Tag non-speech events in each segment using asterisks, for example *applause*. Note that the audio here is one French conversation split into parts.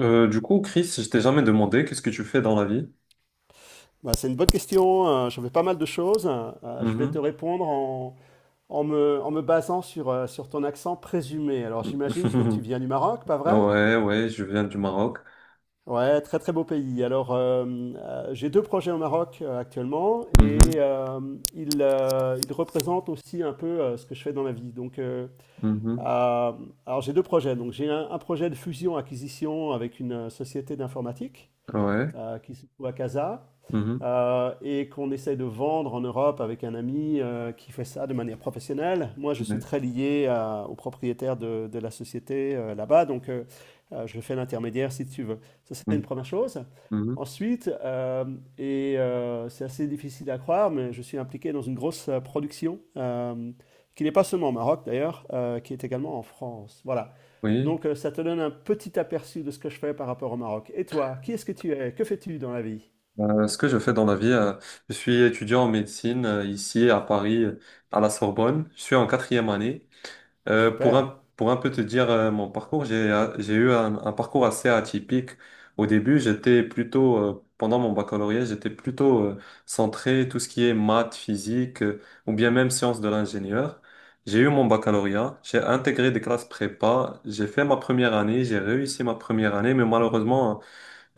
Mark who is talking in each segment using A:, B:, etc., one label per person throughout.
A: Du coup, Chris, je t'ai jamais demandé qu'est-ce que tu fais dans la vie?
B: Bah, c'est une bonne question. J'en fais pas mal de choses. Je vais te
A: Mhm.
B: répondre en me basant sur ton accent présumé. Alors, j'imagine que tu
A: *laughs*
B: viens du Maroc, pas vrai?
A: Ouais, ouais, je viens du Maroc.
B: Ouais, très très beau pays. Alors, j'ai deux projets au Maroc actuellement et
A: Mhm,
B: ils représentent aussi un peu ce que je fais dans la vie. Donc,
A: mhm,
B: euh, alors j'ai deux projets. Donc, j'ai un projet de fusion-acquisition avec une société d'informatique,
A: ouais,
B: qui se trouve à Casa,
A: mhm,
B: et qu'on essaie de vendre en Europe avec un ami qui fait ça de manière professionnelle. Moi, je suis
A: ouais,
B: très lié au propriétaire de la société là-bas, je fais l'intermédiaire si tu veux. Ça, c'est une
A: mhm,
B: première chose.
A: mhm.
B: Ensuite, c'est assez difficile à croire, mais je suis impliqué dans une grosse production, qui n'est pas seulement au Maroc d'ailleurs, qui est également en France. Voilà.
A: Oui.
B: Donc, ça te donne un petit aperçu de ce que je fais par rapport au Maroc. Et toi, qui est-ce que tu es? Que fais-tu dans la vie?
A: Ce que je fais dans la vie, je suis étudiant en médecine ici à Paris, à la Sorbonne. Je suis en quatrième année. Pour
B: Super.
A: un peu te dire mon parcours, j'ai eu un parcours assez atypique. Au début, pendant mon baccalauréat, j'étais plutôt centré tout ce qui est maths, physique ou bien même sciences de l'ingénieur. J'ai eu mon baccalauréat, j'ai intégré des classes prépa, j'ai fait ma première année, j'ai réussi ma première année, mais malheureusement,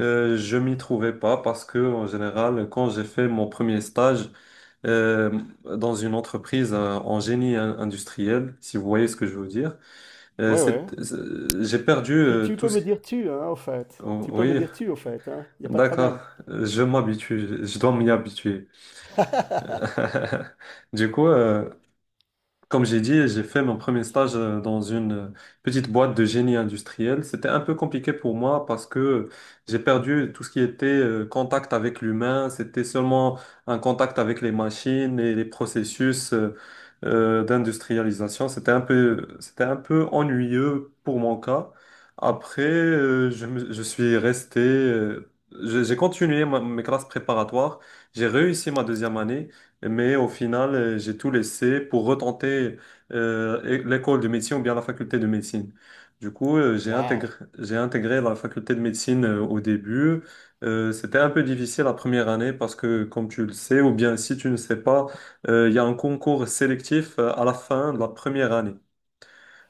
A: je m'y trouvais pas parce que en général, quand j'ai fait mon premier stage, dans une entreprise en génie industriel, si vous voyez ce que je veux dire.
B: Ouais, ouais.
A: J'ai perdu
B: Tu, tu
A: tout
B: peux
A: ce...
B: me dire tu, hein, au fait.
A: Oh,
B: Tu peux me
A: oui,
B: dire tu, au fait, hein. Il n'y a pas de
A: d'accord.
B: problème.
A: Je m'habitue, je dois m'y habituer. *laughs* Du coup, comme j'ai dit, j'ai fait mon premier stage dans une petite boîte de génie industriel. C'était un peu compliqué pour moi parce que j'ai perdu tout ce qui était contact avec l'humain. C'était seulement un contact avec les machines et les processus d'industrialisation. C'était un peu ennuyeux pour mon cas. Après, je suis resté, j'ai continué mes classes préparatoires. J'ai réussi ma deuxième année. Mais au final, j'ai tout laissé pour retenter l'école de médecine ou bien la faculté de médecine. Du coup, j'ai intégré,
B: Waouh.
A: j'ai intégré la faculté de médecine au début. C'était un peu difficile la première année parce que, comme tu le sais, ou bien si tu ne sais pas, il y a un concours sélectif à la fin de la première année.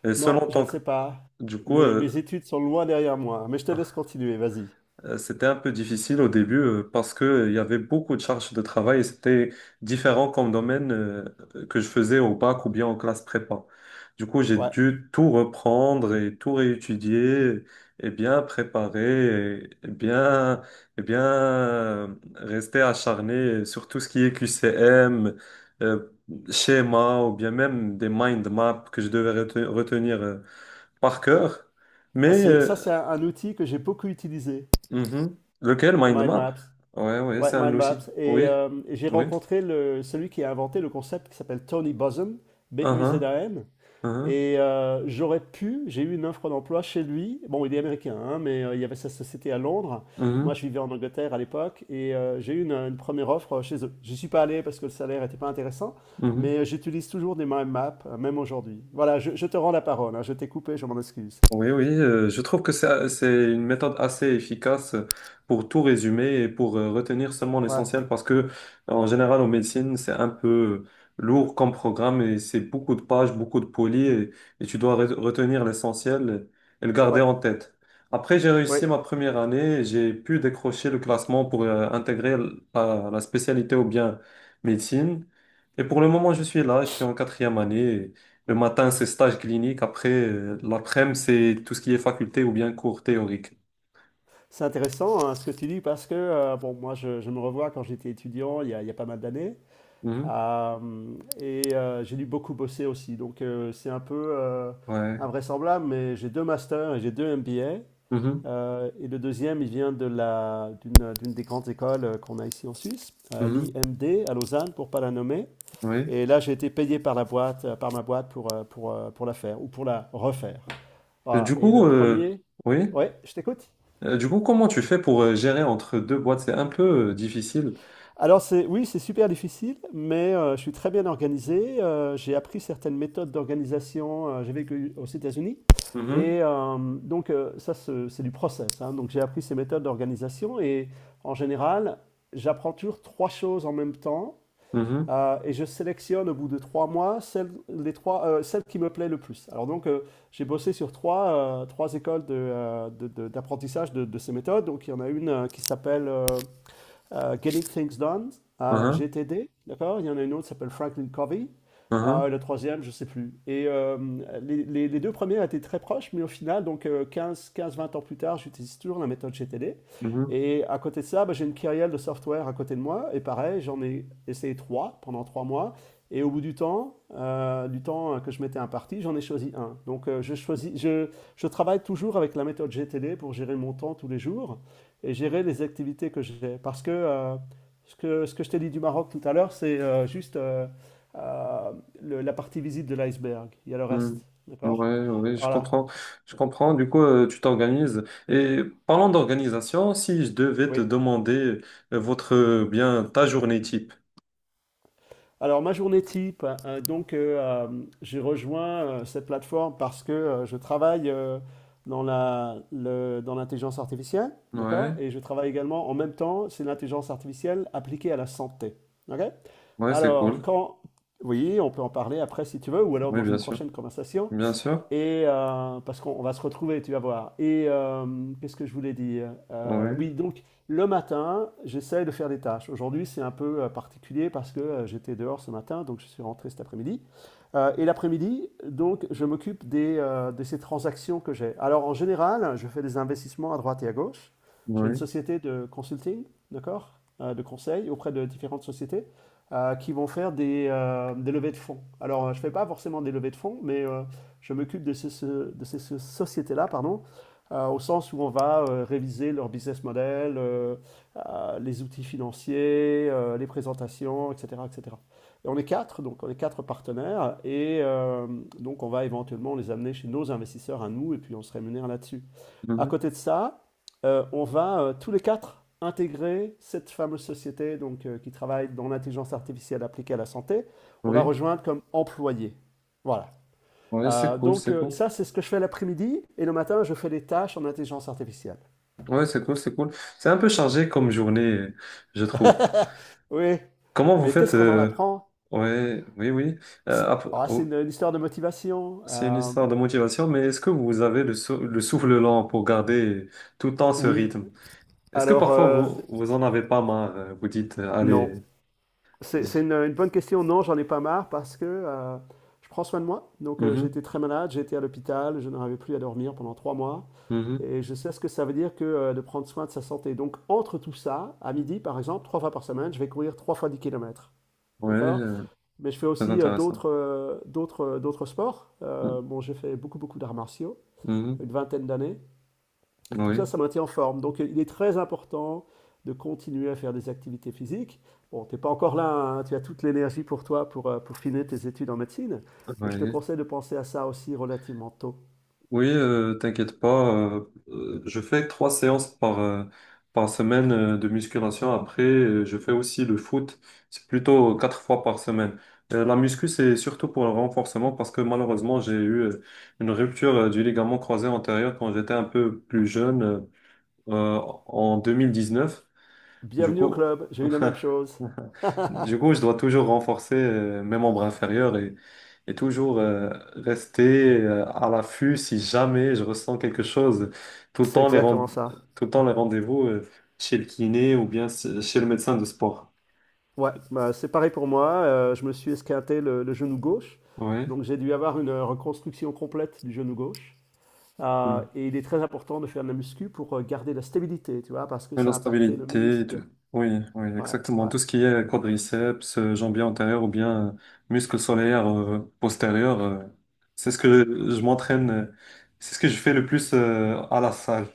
A: Et
B: Non,
A: selon
B: je ne
A: ton...
B: sais pas.
A: Du coup,
B: Mais mes études sont loin derrière moi. Mais je te laisse continuer, vas-y.
A: C'était un peu difficile au début parce que il y avait beaucoup de charges de travail et c'était différent comme domaine que je faisais au bac ou bien en classe prépa. Du coup, j'ai
B: Ouais.
A: dû tout reprendre et tout réétudier et bien préparer et bien rester acharné sur tout ce qui est QCM, euh, schéma ou bien même des mind maps que je devais retenir par cœur.
B: Ah,
A: Mais euh,
B: ça, c'est un outil que j'ai beaucoup utilisé,
A: Mhm. Lequel?
B: les
A: Mind
B: mind
A: map?
B: maps.
A: Ouais, ouais,
B: Ouais,
A: c'est un
B: mind
A: outil.
B: maps. Et,
A: Oui,
B: euh, et j'ai
A: oui.
B: rencontré celui qui a inventé le concept qui s'appelle Tony Buzan, b u z
A: Uh-huh,
B: a n.
A: uh-huh,
B: J'ai eu une offre d'emploi chez lui. Bon, il est américain, hein, mais il y avait sa société à Londres. Moi,
A: mhm,
B: je vivais en Angleterre à l'époque, et j'ai eu une première offre chez eux. J'y suis pas allé parce que le salaire n'était pas intéressant,
A: mhm.
B: mais j'utilise toujours des mind maps, même aujourd'hui. Voilà, je te rends la parole, hein. Je t'ai coupé, je m'en excuse.
A: Oui, oui, je trouve que c'est une méthode assez efficace pour tout résumer et pour retenir seulement
B: Ouais,
A: l'essentiel parce que, en général, en médecine, c'est un peu lourd comme programme et c'est beaucoup de pages, beaucoup de polis et tu dois retenir l'essentiel et le garder
B: ouais,
A: en tête. Après, j'ai réussi
B: ouais.
A: ma première année et j'ai pu décrocher le classement pour intégrer la spécialité ou bien médecine. Et pour le moment, je suis là, je suis en quatrième année. Le matin, c'est stage clinique. Après, l'après-midi, c'est tout ce qui est faculté ou bien cours théorique.
B: C'est intéressant, hein, ce que tu dis parce que, bon, moi, je me revois quand j'étais étudiant il y a pas mal d'années.
A: Mhm.
B: Euh, et j'ai dû beaucoup bosser aussi. C'est un peu
A: Ouais.
B: invraisemblable, mais j'ai deux masters et j'ai deux MBA.
A: Mhm.
B: Et le deuxième, il vient d'une des grandes écoles qu'on a ici en Suisse,
A: Mhm.
B: l'IMD à Lausanne, pour ne pas la nommer.
A: Oui.
B: Et là, j'ai été payé par la boîte, par ma boîte pour la faire ou pour la refaire.
A: Et
B: Voilà.
A: du coup, oui.
B: Ouais, je t'écoute.
A: Du coup, comment tu fais pour gérer entre deux boîtes? C'est un peu difficile.
B: Alors c'est oui, c'est super difficile, mais je suis très bien organisé. J'ai appris certaines méthodes d'organisation. J'ai vécu aux États-Unis.
A: Mhm.
B: Ça, c'est du process, hein. Donc j'ai appris ces méthodes d'organisation. Et en général, j'apprends toujours trois choses en même temps.
A: Mhm.
B: Et je sélectionne au bout de 3 mois les trois, celles qui me plaît le plus. Alors, j'ai bossé sur trois écoles d'apprentissage de ces méthodes. Donc il y en a une qui s'appelle... Getting Things Done,
A: Mhm.
B: GTD, d'accord? Il y en a une autre qui s'appelle Franklin Covey.
A: Mhm.
B: Le troisième, je ne sais plus. Les deux premiers étaient très proches, mais au final, quinze, 20 ans plus tard, j'utilise toujours la méthode GTD.
A: Mhm.
B: Et à côté de ça, bah, j'ai une kyrielle de software à côté de moi. Et pareil, j'en ai essayé trois pendant 3 mois. Et au bout du temps que je m'étais imparti, j'en ai choisi un. Je travaille toujours avec la méthode GTD pour gérer mon temps tous les jours et gérer les activités que j'ai. Parce que, ce que je t'ai dit du Maroc tout à l'heure, c'est juste euh, la partie visite de l'iceberg. Il y a le reste,
A: Mhm.
B: d'accord?
A: Ouais, ouais, je
B: Voilà,
A: comprends. Je comprends. Du coup, tu t'organises. Et parlant d'organisation, si je devais te
B: oui.
A: demander ta journée type.
B: Alors, ma journée type, j'ai rejoint cette plateforme parce que je travaille dans l'intelligence artificielle, d'accord?
A: Ouais,
B: Et je travaille également en même temps, c'est l'intelligence artificielle appliquée à la santé. Ok.
A: ouais, c'est
B: Alors,
A: cool.
B: quand... Oui, on peut en parler après si tu veux, ou alors
A: Oui,
B: dans
A: bien
B: une
A: sûr.
B: prochaine conversation.
A: Bien sûr,
B: Parce qu'on va se retrouver, tu vas voir. Qu'est-ce que je voulais dire?
A: oui,
B: Oui, donc le matin, j'essaie de faire des tâches. Aujourd'hui, c'est un peu particulier parce que j'étais dehors ce matin, donc je suis rentré cet après-midi. Et l'après-midi, donc, je m'occupe de ces transactions que j'ai. Alors, en général, je fais des investissements à droite et à gauche. J'ai une
A: oui,
B: société de consulting, d'accord, de conseil auprès de différentes sociétés qui vont faire des levées de fonds. Alors, je ne fais pas forcément des levées de fonds, mais je m'occupe de ces sociétés-là, pardon, au sens où on va réviser leur business model, les outils financiers, les présentations, etc., etc. Et cetera. Et on est quatre, donc on est quatre partenaires, et on va éventuellement les amener chez nos investisseurs à nous, et puis on se rémunère là-dessus. À
A: mhm,
B: côté de ça, on va tous les quatre intégrer cette fameuse société donc, qui travaille dans l'intelligence artificielle appliquée à la santé. On va
A: oui,
B: rejoindre comme employé. Voilà.
A: oui, c'est cool, c'est cool.
B: Ça, c'est ce que je fais l'après-midi, et le matin, je fais des tâches en intelligence artificielle.
A: Oui, c'est cool, c'est cool. C'est un peu chargé comme journée, je trouve.
B: Oui,
A: Comment vous
B: mais
A: faites,
B: qu'est-ce qu'on en apprend?
A: ouais, oui, oui.
B: C'est Ah, c'est une,
A: Oh,
B: une histoire de motivation.
A: c'est une histoire de motivation, mais est-ce que vous avez le souffle lent pour garder tout le temps ce
B: Oui,
A: rythme? Est-ce que
B: alors
A: parfois
B: euh,
A: vous en avez pas marre? Vous dites,
B: non.
A: allez.
B: C'est
A: z-
B: c'est une bonne question. Non, j'en ai pas marre parce que je prends soin de moi. J'ai
A: mhm,
B: très malade, j'étais à l'hôpital, je n'arrivais plus à dormir pendant 3 mois.
A: mhm.
B: Et je sais ce que ça veut dire que de prendre soin de sa santé. Donc entre tout ça, à midi par exemple, trois fois par semaine, je vais courir trois fois 10 kilomètres.
A: Ouais,
B: D'accord? Mais je fais
A: très
B: aussi
A: intéressant.
B: d'autres sports.
A: Mhm,
B: Bon, j'ai fait beaucoup beaucoup d'arts martiaux,
A: mhm,
B: une vingtaine d'années. Et tout ça,
A: oui,
B: ça maintient en forme. Donc, il est très important de continuer à faire des activités physiques. Bon, t'es pas encore là, hein, tu as toute l'énergie pour toi pour finir tes études en médecine, mais je te
A: oui.
B: conseille de penser à ça aussi relativement tôt.
A: Oui, t'inquiète pas. euh, je fais trois séances par semaine de musculation. Après, je fais aussi le foot. C'est plutôt quatre fois par semaine. La muscu, c'est surtout pour le renforcement parce que malheureusement, j'ai eu une rupture du ligament croisé antérieur quand j'étais un peu plus jeune, euh, en 2019. Du
B: Bienvenue au
A: coup,
B: club, j'ai eu la même chose.
A: du coup, je dois toujours renforcer mes membres inférieurs et toujours rester à l'affût si jamais je ressens quelque chose. Tout le
B: C'est
A: temps les, ren-
B: exactement ça.
A: tout le temps les rendez-vous chez le kiné ou bien chez le médecin de sport.
B: Ouais, bah, c'est pareil pour moi, je me suis esquinté le genou gauche,
A: Oui.
B: donc j'ai dû avoir une reconstruction complète du genou gauche.
A: Mm.
B: Et il est très important de faire de la muscu pour garder la stabilité, tu vois, parce que
A: Et la
B: ça a impacté le
A: stabilité et
B: ménisque.
A: tout. Oui, oui,
B: Ouais,
A: exactement.
B: ouais.
A: Tout ce qui est quadriceps, jambier antérieur ou bien muscle solaire postérieur, c'est ce que je m'entraîne, c'est ce que je fais le plus à la salle.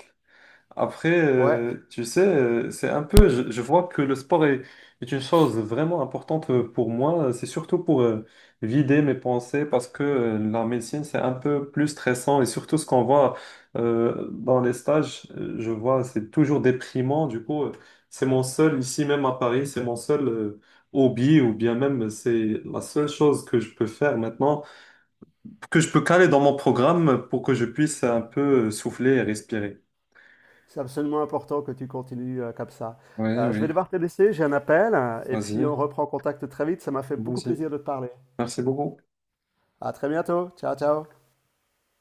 A: Après,
B: Ouais,
A: tu sais, je vois que le sport est une chose vraiment importante pour moi. C'est surtout pour vider mes pensées parce que la médecine, c'est un peu plus stressant et surtout ce qu'on voit dans les stages, je vois, c'est toujours déprimant. Du coup, ici même à Paris, c'est mon seul hobby ou bien même c'est la seule chose que je peux faire maintenant, que je peux caler dans mon programme pour que je puisse un peu souffler et respirer.
B: c'est absolument important que tu continues comme ça.
A: Oui,
B: Je
A: oui,
B: vais devoir te laisser, j'ai un appel, hein, et puis on
A: vas-y.
B: reprend contact très vite. Ça m'a fait beaucoup
A: Vas-y.
B: plaisir de te parler.
A: Merci beaucoup.
B: À très bientôt. Ciao, ciao.